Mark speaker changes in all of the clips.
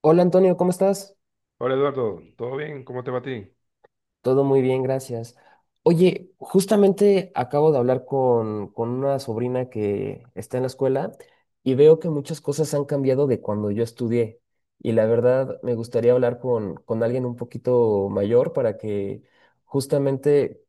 Speaker 1: Hola Antonio, ¿cómo estás?
Speaker 2: Hola Eduardo, ¿todo bien? ¿Cómo te va a ti?
Speaker 1: Todo muy bien, gracias. Oye, justamente acabo de hablar con una sobrina que está en la escuela y veo que muchas cosas han cambiado de cuando yo estudié. Y la verdad, me gustaría hablar con alguien un poquito mayor para que justamente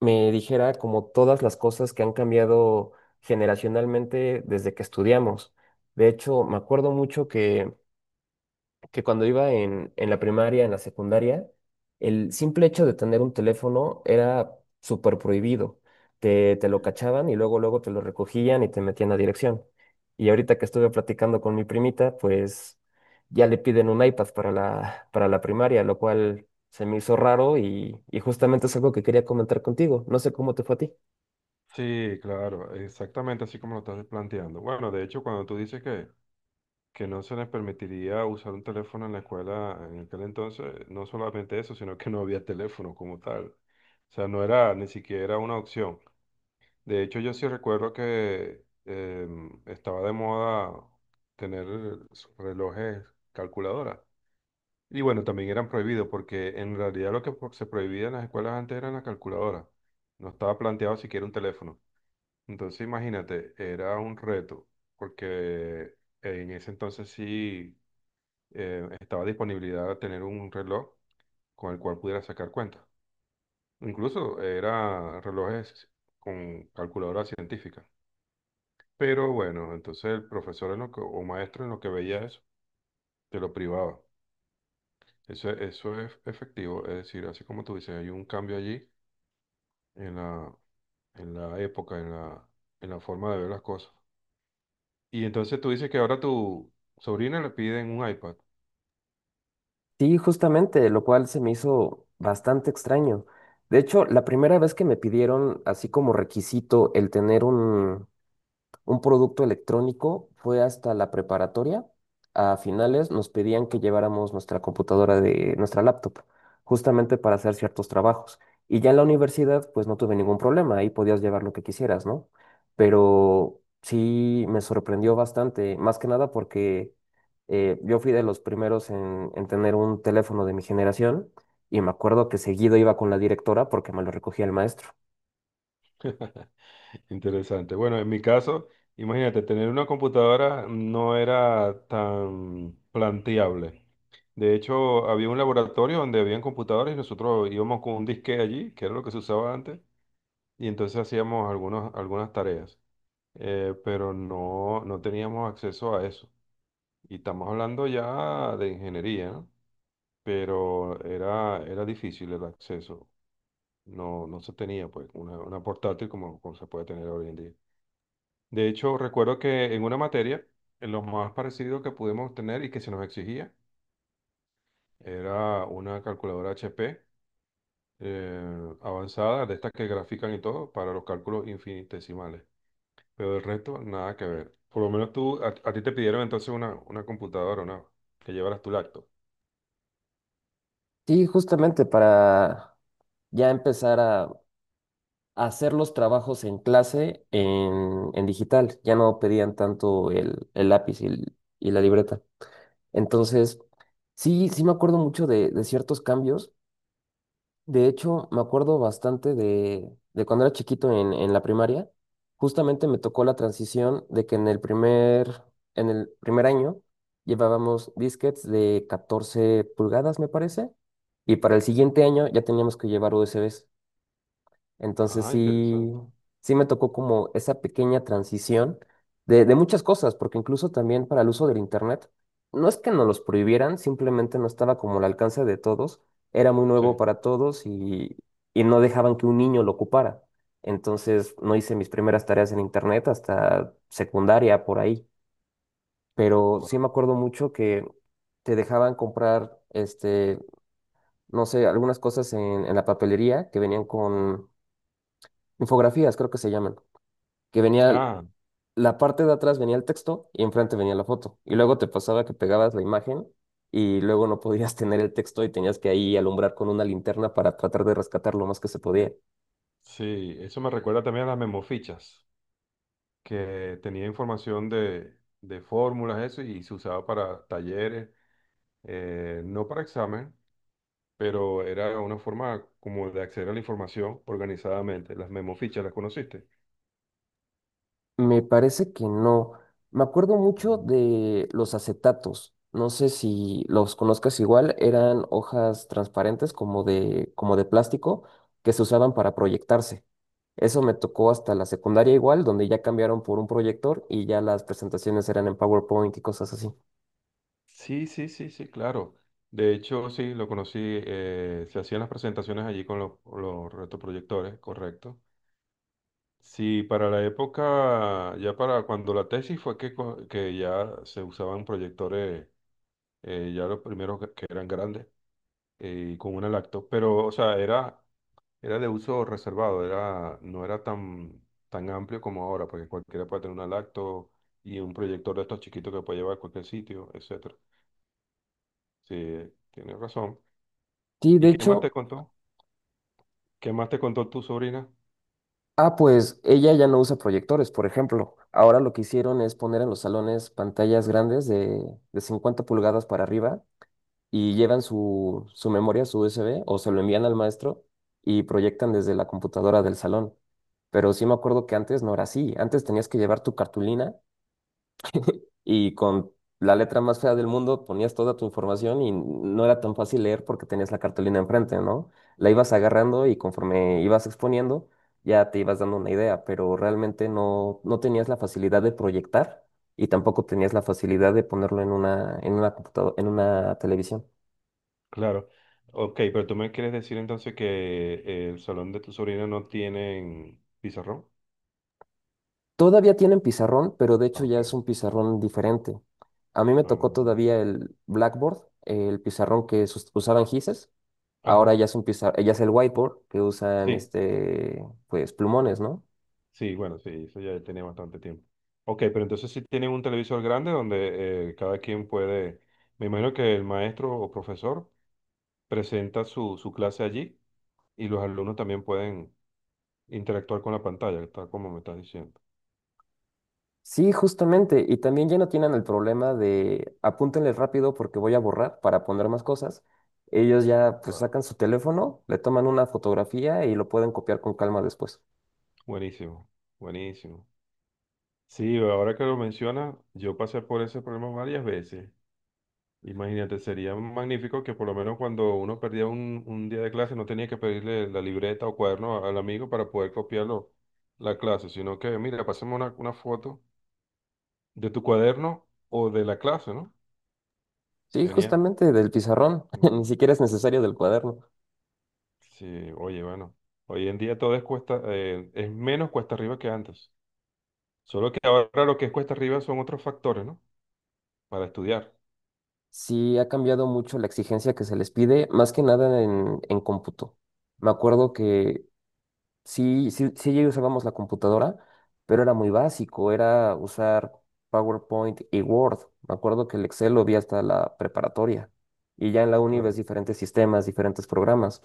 Speaker 1: me dijera como todas las cosas que han cambiado generacionalmente desde que estudiamos. De hecho, me acuerdo mucho que cuando iba en la primaria, en la secundaria, el simple hecho de tener un teléfono era súper prohibido. Te lo
Speaker 2: Mm.
Speaker 1: cachaban y luego te lo recogían y te metían a dirección. Y ahorita que estuve platicando con mi primita, pues ya le piden un iPad para la primaria, lo cual se me hizo raro y justamente es algo que quería comentar contigo. No sé cómo te fue a ti.
Speaker 2: Sí, claro, exactamente así como lo estás planteando. Bueno, de hecho, cuando tú dices que no se les permitiría usar un teléfono en la escuela en aquel entonces, no solamente eso, sino que no había teléfono como tal. O sea, no era ni siquiera una opción. De hecho, yo sí recuerdo que estaba de moda tener relojes calculadoras. Y bueno, también eran prohibidos porque en realidad lo que se prohibía en las escuelas antes eran las calculadoras. No estaba planteado siquiera un teléfono. Entonces imagínate, era un reto porque en ese entonces sí estaba disponibilidad a tener un reloj con el cual pudiera sacar cuentas. Incluso era relojes con calculadora científica. Pero bueno, entonces el profesor en lo que, o maestro en lo que veía eso, te lo privaba. Eso es efectivo, es decir, así como tú dices, hay un cambio allí en la, en la época, en la forma de ver las cosas. Y entonces tú dices que ahora tu sobrina le piden un iPad.
Speaker 1: Sí, justamente, lo cual se me hizo bastante extraño. De hecho, la primera vez que me pidieron así como requisito el tener un producto electrónico, fue hasta la preparatoria. A finales nos pedían que lleváramos nuestra computadora de nuestra laptop, justamente para hacer ciertos trabajos. Y ya en la universidad, pues no tuve ningún problema, ahí podías llevar lo que quisieras, ¿no? Pero sí me sorprendió bastante, más que nada porque yo fui de los primeros en tener un teléfono de mi generación y me acuerdo que seguido iba con la directora porque me lo recogía el maestro.
Speaker 2: Interesante. Bueno, en mi caso, imagínate, tener una computadora no era tan planteable. De hecho, había un laboratorio donde habían computadoras y nosotros íbamos con un disque allí, que era lo que se usaba antes, y entonces hacíamos algunas tareas. Pero no teníamos acceso a eso. Y estamos hablando ya de ingeniería, ¿no? Pero era difícil el acceso. No se tenía pues una portátil como se puede tener hoy en día. De hecho, recuerdo que en una materia, en lo más parecido que pudimos tener y que se nos exigía era una calculadora HP avanzada, de estas que grafican y todo, para los cálculos infinitesimales. Pero el resto, nada que ver. Por lo menos tú, a ti te pidieron entonces una computadora, ¿no? Que llevaras tu laptop.
Speaker 1: Sí, justamente para ya empezar a hacer los trabajos en clase en digital. Ya no pedían tanto el lápiz y la libreta. Entonces, sí me acuerdo mucho de ciertos cambios. De hecho, me acuerdo bastante de cuando era chiquito en la primaria. Justamente me tocó la transición de que en el primer año llevábamos disquetes de 14 pulgadas, me parece, y para el siguiente año ya teníamos que llevar USBs. Entonces
Speaker 2: Ah,
Speaker 1: sí,
Speaker 2: interesante.
Speaker 1: sí me tocó como esa pequeña transición de muchas cosas, porque incluso también para el uso del Internet, no es que nos los prohibieran, simplemente no estaba como al alcance de todos, era muy nuevo
Speaker 2: Sí.
Speaker 1: para todos y no dejaban que un niño lo ocupara. Entonces no hice mis primeras tareas en Internet hasta secundaria por ahí, pero sí
Speaker 2: Guau.
Speaker 1: me acuerdo mucho que te dejaban comprar, este, no sé, algunas cosas en la papelería que venían con infografías, creo que se llaman que venía,
Speaker 2: Ah,
Speaker 1: la parte de atrás venía el texto y enfrente venía la foto. Y luego te pasaba que pegabas la imagen y luego no podías tener el texto y tenías que ahí alumbrar con una linterna para tratar de rescatar lo más que se podía.
Speaker 2: sí, eso me recuerda también a las memofichas, que tenía información de fórmulas, eso, y se usaba para talleres, no para examen, pero era una forma como de acceder a la información organizadamente. Las memofichas, ¿las conociste?
Speaker 1: Me parece que no. Me acuerdo mucho
Speaker 2: Mm.
Speaker 1: de los acetatos. No sé si los conozcas igual, eran hojas transparentes como de plástico que se usaban para proyectarse. Eso me tocó hasta la secundaria igual, donde ya cambiaron por un proyector y ya las presentaciones eran en PowerPoint y cosas así.
Speaker 2: Sí, sí, sí, sí, claro. De hecho, sí, lo conocí, se hacían las presentaciones allí con los retroproyectores, correcto. Sí, para la época, ya para cuando la tesis fue que, que ya se usaban proyectores, ya los primeros que eran grandes, con una lacto, pero, o sea, era de uso reservado, era, no era tan amplio como ahora, porque cualquiera puede tener una lacto y un proyector de estos chiquitos que puede llevar a cualquier sitio, etcétera. Sí, tienes razón.
Speaker 1: Sí,
Speaker 2: ¿Y
Speaker 1: de
Speaker 2: qué más te
Speaker 1: hecho,
Speaker 2: contó? ¿Qué más te contó tu sobrina?
Speaker 1: ah, pues ella ya no usa proyectores, por ejemplo. Ahora lo que hicieron es poner en los salones pantallas grandes de 50 pulgadas para arriba y llevan su memoria, su USB, o se lo envían al maestro y proyectan desde la computadora del salón. Pero sí me acuerdo que antes no era así. Antes tenías que llevar tu cartulina y con la letra más fea del mundo ponías toda tu información y no era tan fácil leer porque tenías la cartulina enfrente, ¿no? La ibas agarrando y conforme ibas exponiendo, ya te ibas dando una idea, pero realmente no, no tenías la facilidad de proyectar y tampoco tenías la facilidad de ponerlo en una computadora, en una televisión.
Speaker 2: Claro. Ok, pero tú me quieres decir entonces que el salón de tu sobrina no tienen pizarrón.
Speaker 1: Todavía tienen pizarrón, pero de
Speaker 2: Ah,
Speaker 1: hecho ya
Speaker 2: ok.
Speaker 1: es un pizarrón diferente. A mí me tocó todavía el Blackboard, el pizarrón que usaban Gises.
Speaker 2: Ah,
Speaker 1: Ahora
Speaker 2: ajá.
Speaker 1: ya es un ya es el whiteboard que usan
Speaker 2: Sí,
Speaker 1: este, pues plumones, ¿no?
Speaker 2: sí, bueno, sí, eso ya tenía bastante tiempo. Ok, pero entonces sí tienen un televisor grande donde cada quien puede, me imagino que el maestro o profesor presenta su clase allí y los alumnos también pueden interactuar con la pantalla, tal como me estás diciendo.
Speaker 1: Sí, justamente. Y también ya no tienen el problema de apúntenle rápido porque voy a borrar para poner más cosas. Ellos ya pues
Speaker 2: Wow.
Speaker 1: sacan su teléfono, le toman una fotografía y lo pueden copiar con calma después.
Speaker 2: Buenísimo, buenísimo. Sí, ahora que lo mencionas, yo pasé por ese problema varias veces. Imagínate, sería magnífico que por lo menos cuando uno perdía un día de clase no tenía que pedirle la libreta o cuaderno al amigo para poder copiarlo la clase, sino que, mira, pasemos una foto de tu cuaderno o de la clase, ¿no?
Speaker 1: Sí,
Speaker 2: Genial.
Speaker 1: justamente del pizarrón.
Speaker 2: Mm,
Speaker 1: Ni siquiera es necesario del cuaderno.
Speaker 2: sí, oye, bueno, hoy en día todo es cuesta, es menos cuesta arriba que antes. Solo que ahora lo que es cuesta arriba son otros factores, ¿no? Para estudiar.
Speaker 1: Sí, ha cambiado mucho la exigencia que se les pide, más que nada en cómputo. Me acuerdo que sí ya usábamos la computadora, pero era muy básico, era usar PowerPoint y Word. Me acuerdo que el Excel lo vi hasta la preparatoria. Y ya en la uni
Speaker 2: Claro.
Speaker 1: ves diferentes sistemas, diferentes programas,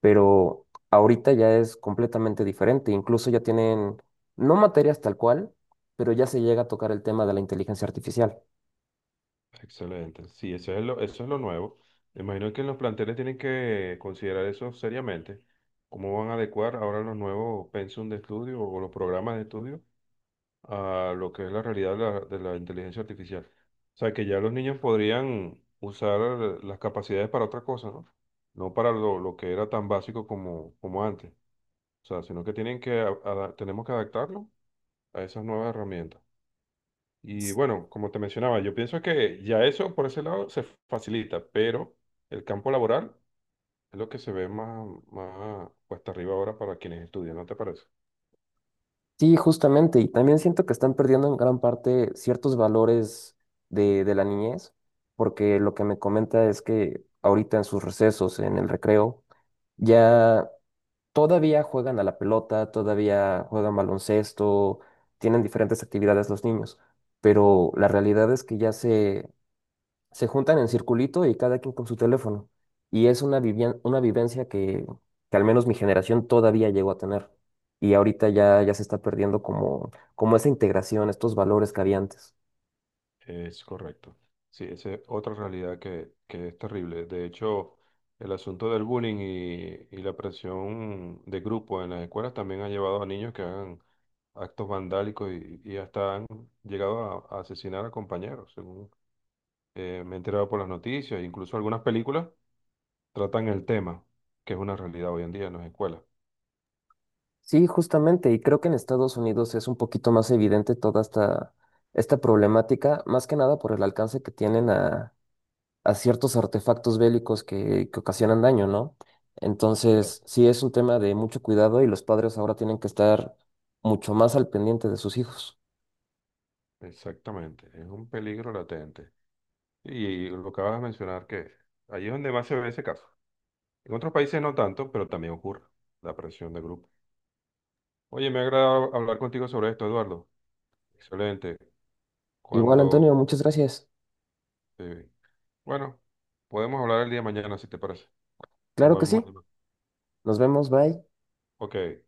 Speaker 1: pero ahorita ya es completamente diferente. Incluso ya tienen, no materias tal cual, pero ya se llega a tocar el tema de la inteligencia artificial.
Speaker 2: Excelente. Sí, eso es lo nuevo. Me imagino que los planteles tienen que considerar eso seriamente. ¿Cómo van a adecuar ahora los nuevos pensum de estudio o los programas de estudio a lo que es la realidad de la inteligencia artificial? O sea, que ya los niños podrían usar las capacidades para otra cosa, ¿no? No para lo que era tan básico como, como antes. O sea, sino que tienen que, tenemos que adaptarlo a esas nuevas herramientas. Y bueno, como te mencionaba, yo pienso que ya eso por ese lado se facilita, pero el campo laboral es lo que se ve más, más cuesta arriba ahora para quienes estudian, ¿no te parece?
Speaker 1: Sí, justamente, y también siento que están perdiendo en gran parte ciertos valores de la niñez, porque lo que me comenta es que ahorita en sus recesos, en el recreo, ya todavía juegan a la pelota, todavía juegan baloncesto, tienen diferentes actividades los niños, pero la realidad es que ya se juntan en circulito y cada quien con su teléfono. Y es una una vivencia que al menos mi generación todavía llegó a tener. Y ahorita ya se está perdiendo como esa integración, estos valores que había antes.
Speaker 2: Es correcto. Sí, esa es otra realidad que es terrible. De hecho, el asunto del bullying y la presión de grupo en las escuelas también ha llevado a niños que hagan actos vandálicos y hasta han llegado a asesinar a compañeros, según me he enterado por las noticias, incluso algunas películas tratan el tema, que es una realidad hoy en día en las escuelas.
Speaker 1: Sí, justamente, y creo que en Estados Unidos es un poquito más evidente toda esta, esta problemática, más que nada por el alcance que tienen a ciertos artefactos bélicos que ocasionan daño, ¿no?
Speaker 2: Claro.
Speaker 1: Entonces, sí es un tema de mucho cuidado y los padres ahora tienen que estar mucho más al pendiente de sus hijos.
Speaker 2: Exactamente, es un peligro latente. Y lo que acabas de mencionar, que allí es donde más se ve ese caso. En otros países no tanto, pero también ocurre la presión de grupo. Oye, me ha agradado hablar contigo sobre esto, Eduardo. Excelente.
Speaker 1: Igual, Antonio,
Speaker 2: Cuando,
Speaker 1: muchas gracias.
Speaker 2: eh, bueno, podemos hablar el día de mañana, si te parece. Nos
Speaker 1: Claro que
Speaker 2: volvemos
Speaker 1: sí.
Speaker 2: a llamar.
Speaker 1: Nos vemos, bye.
Speaker 2: Ok.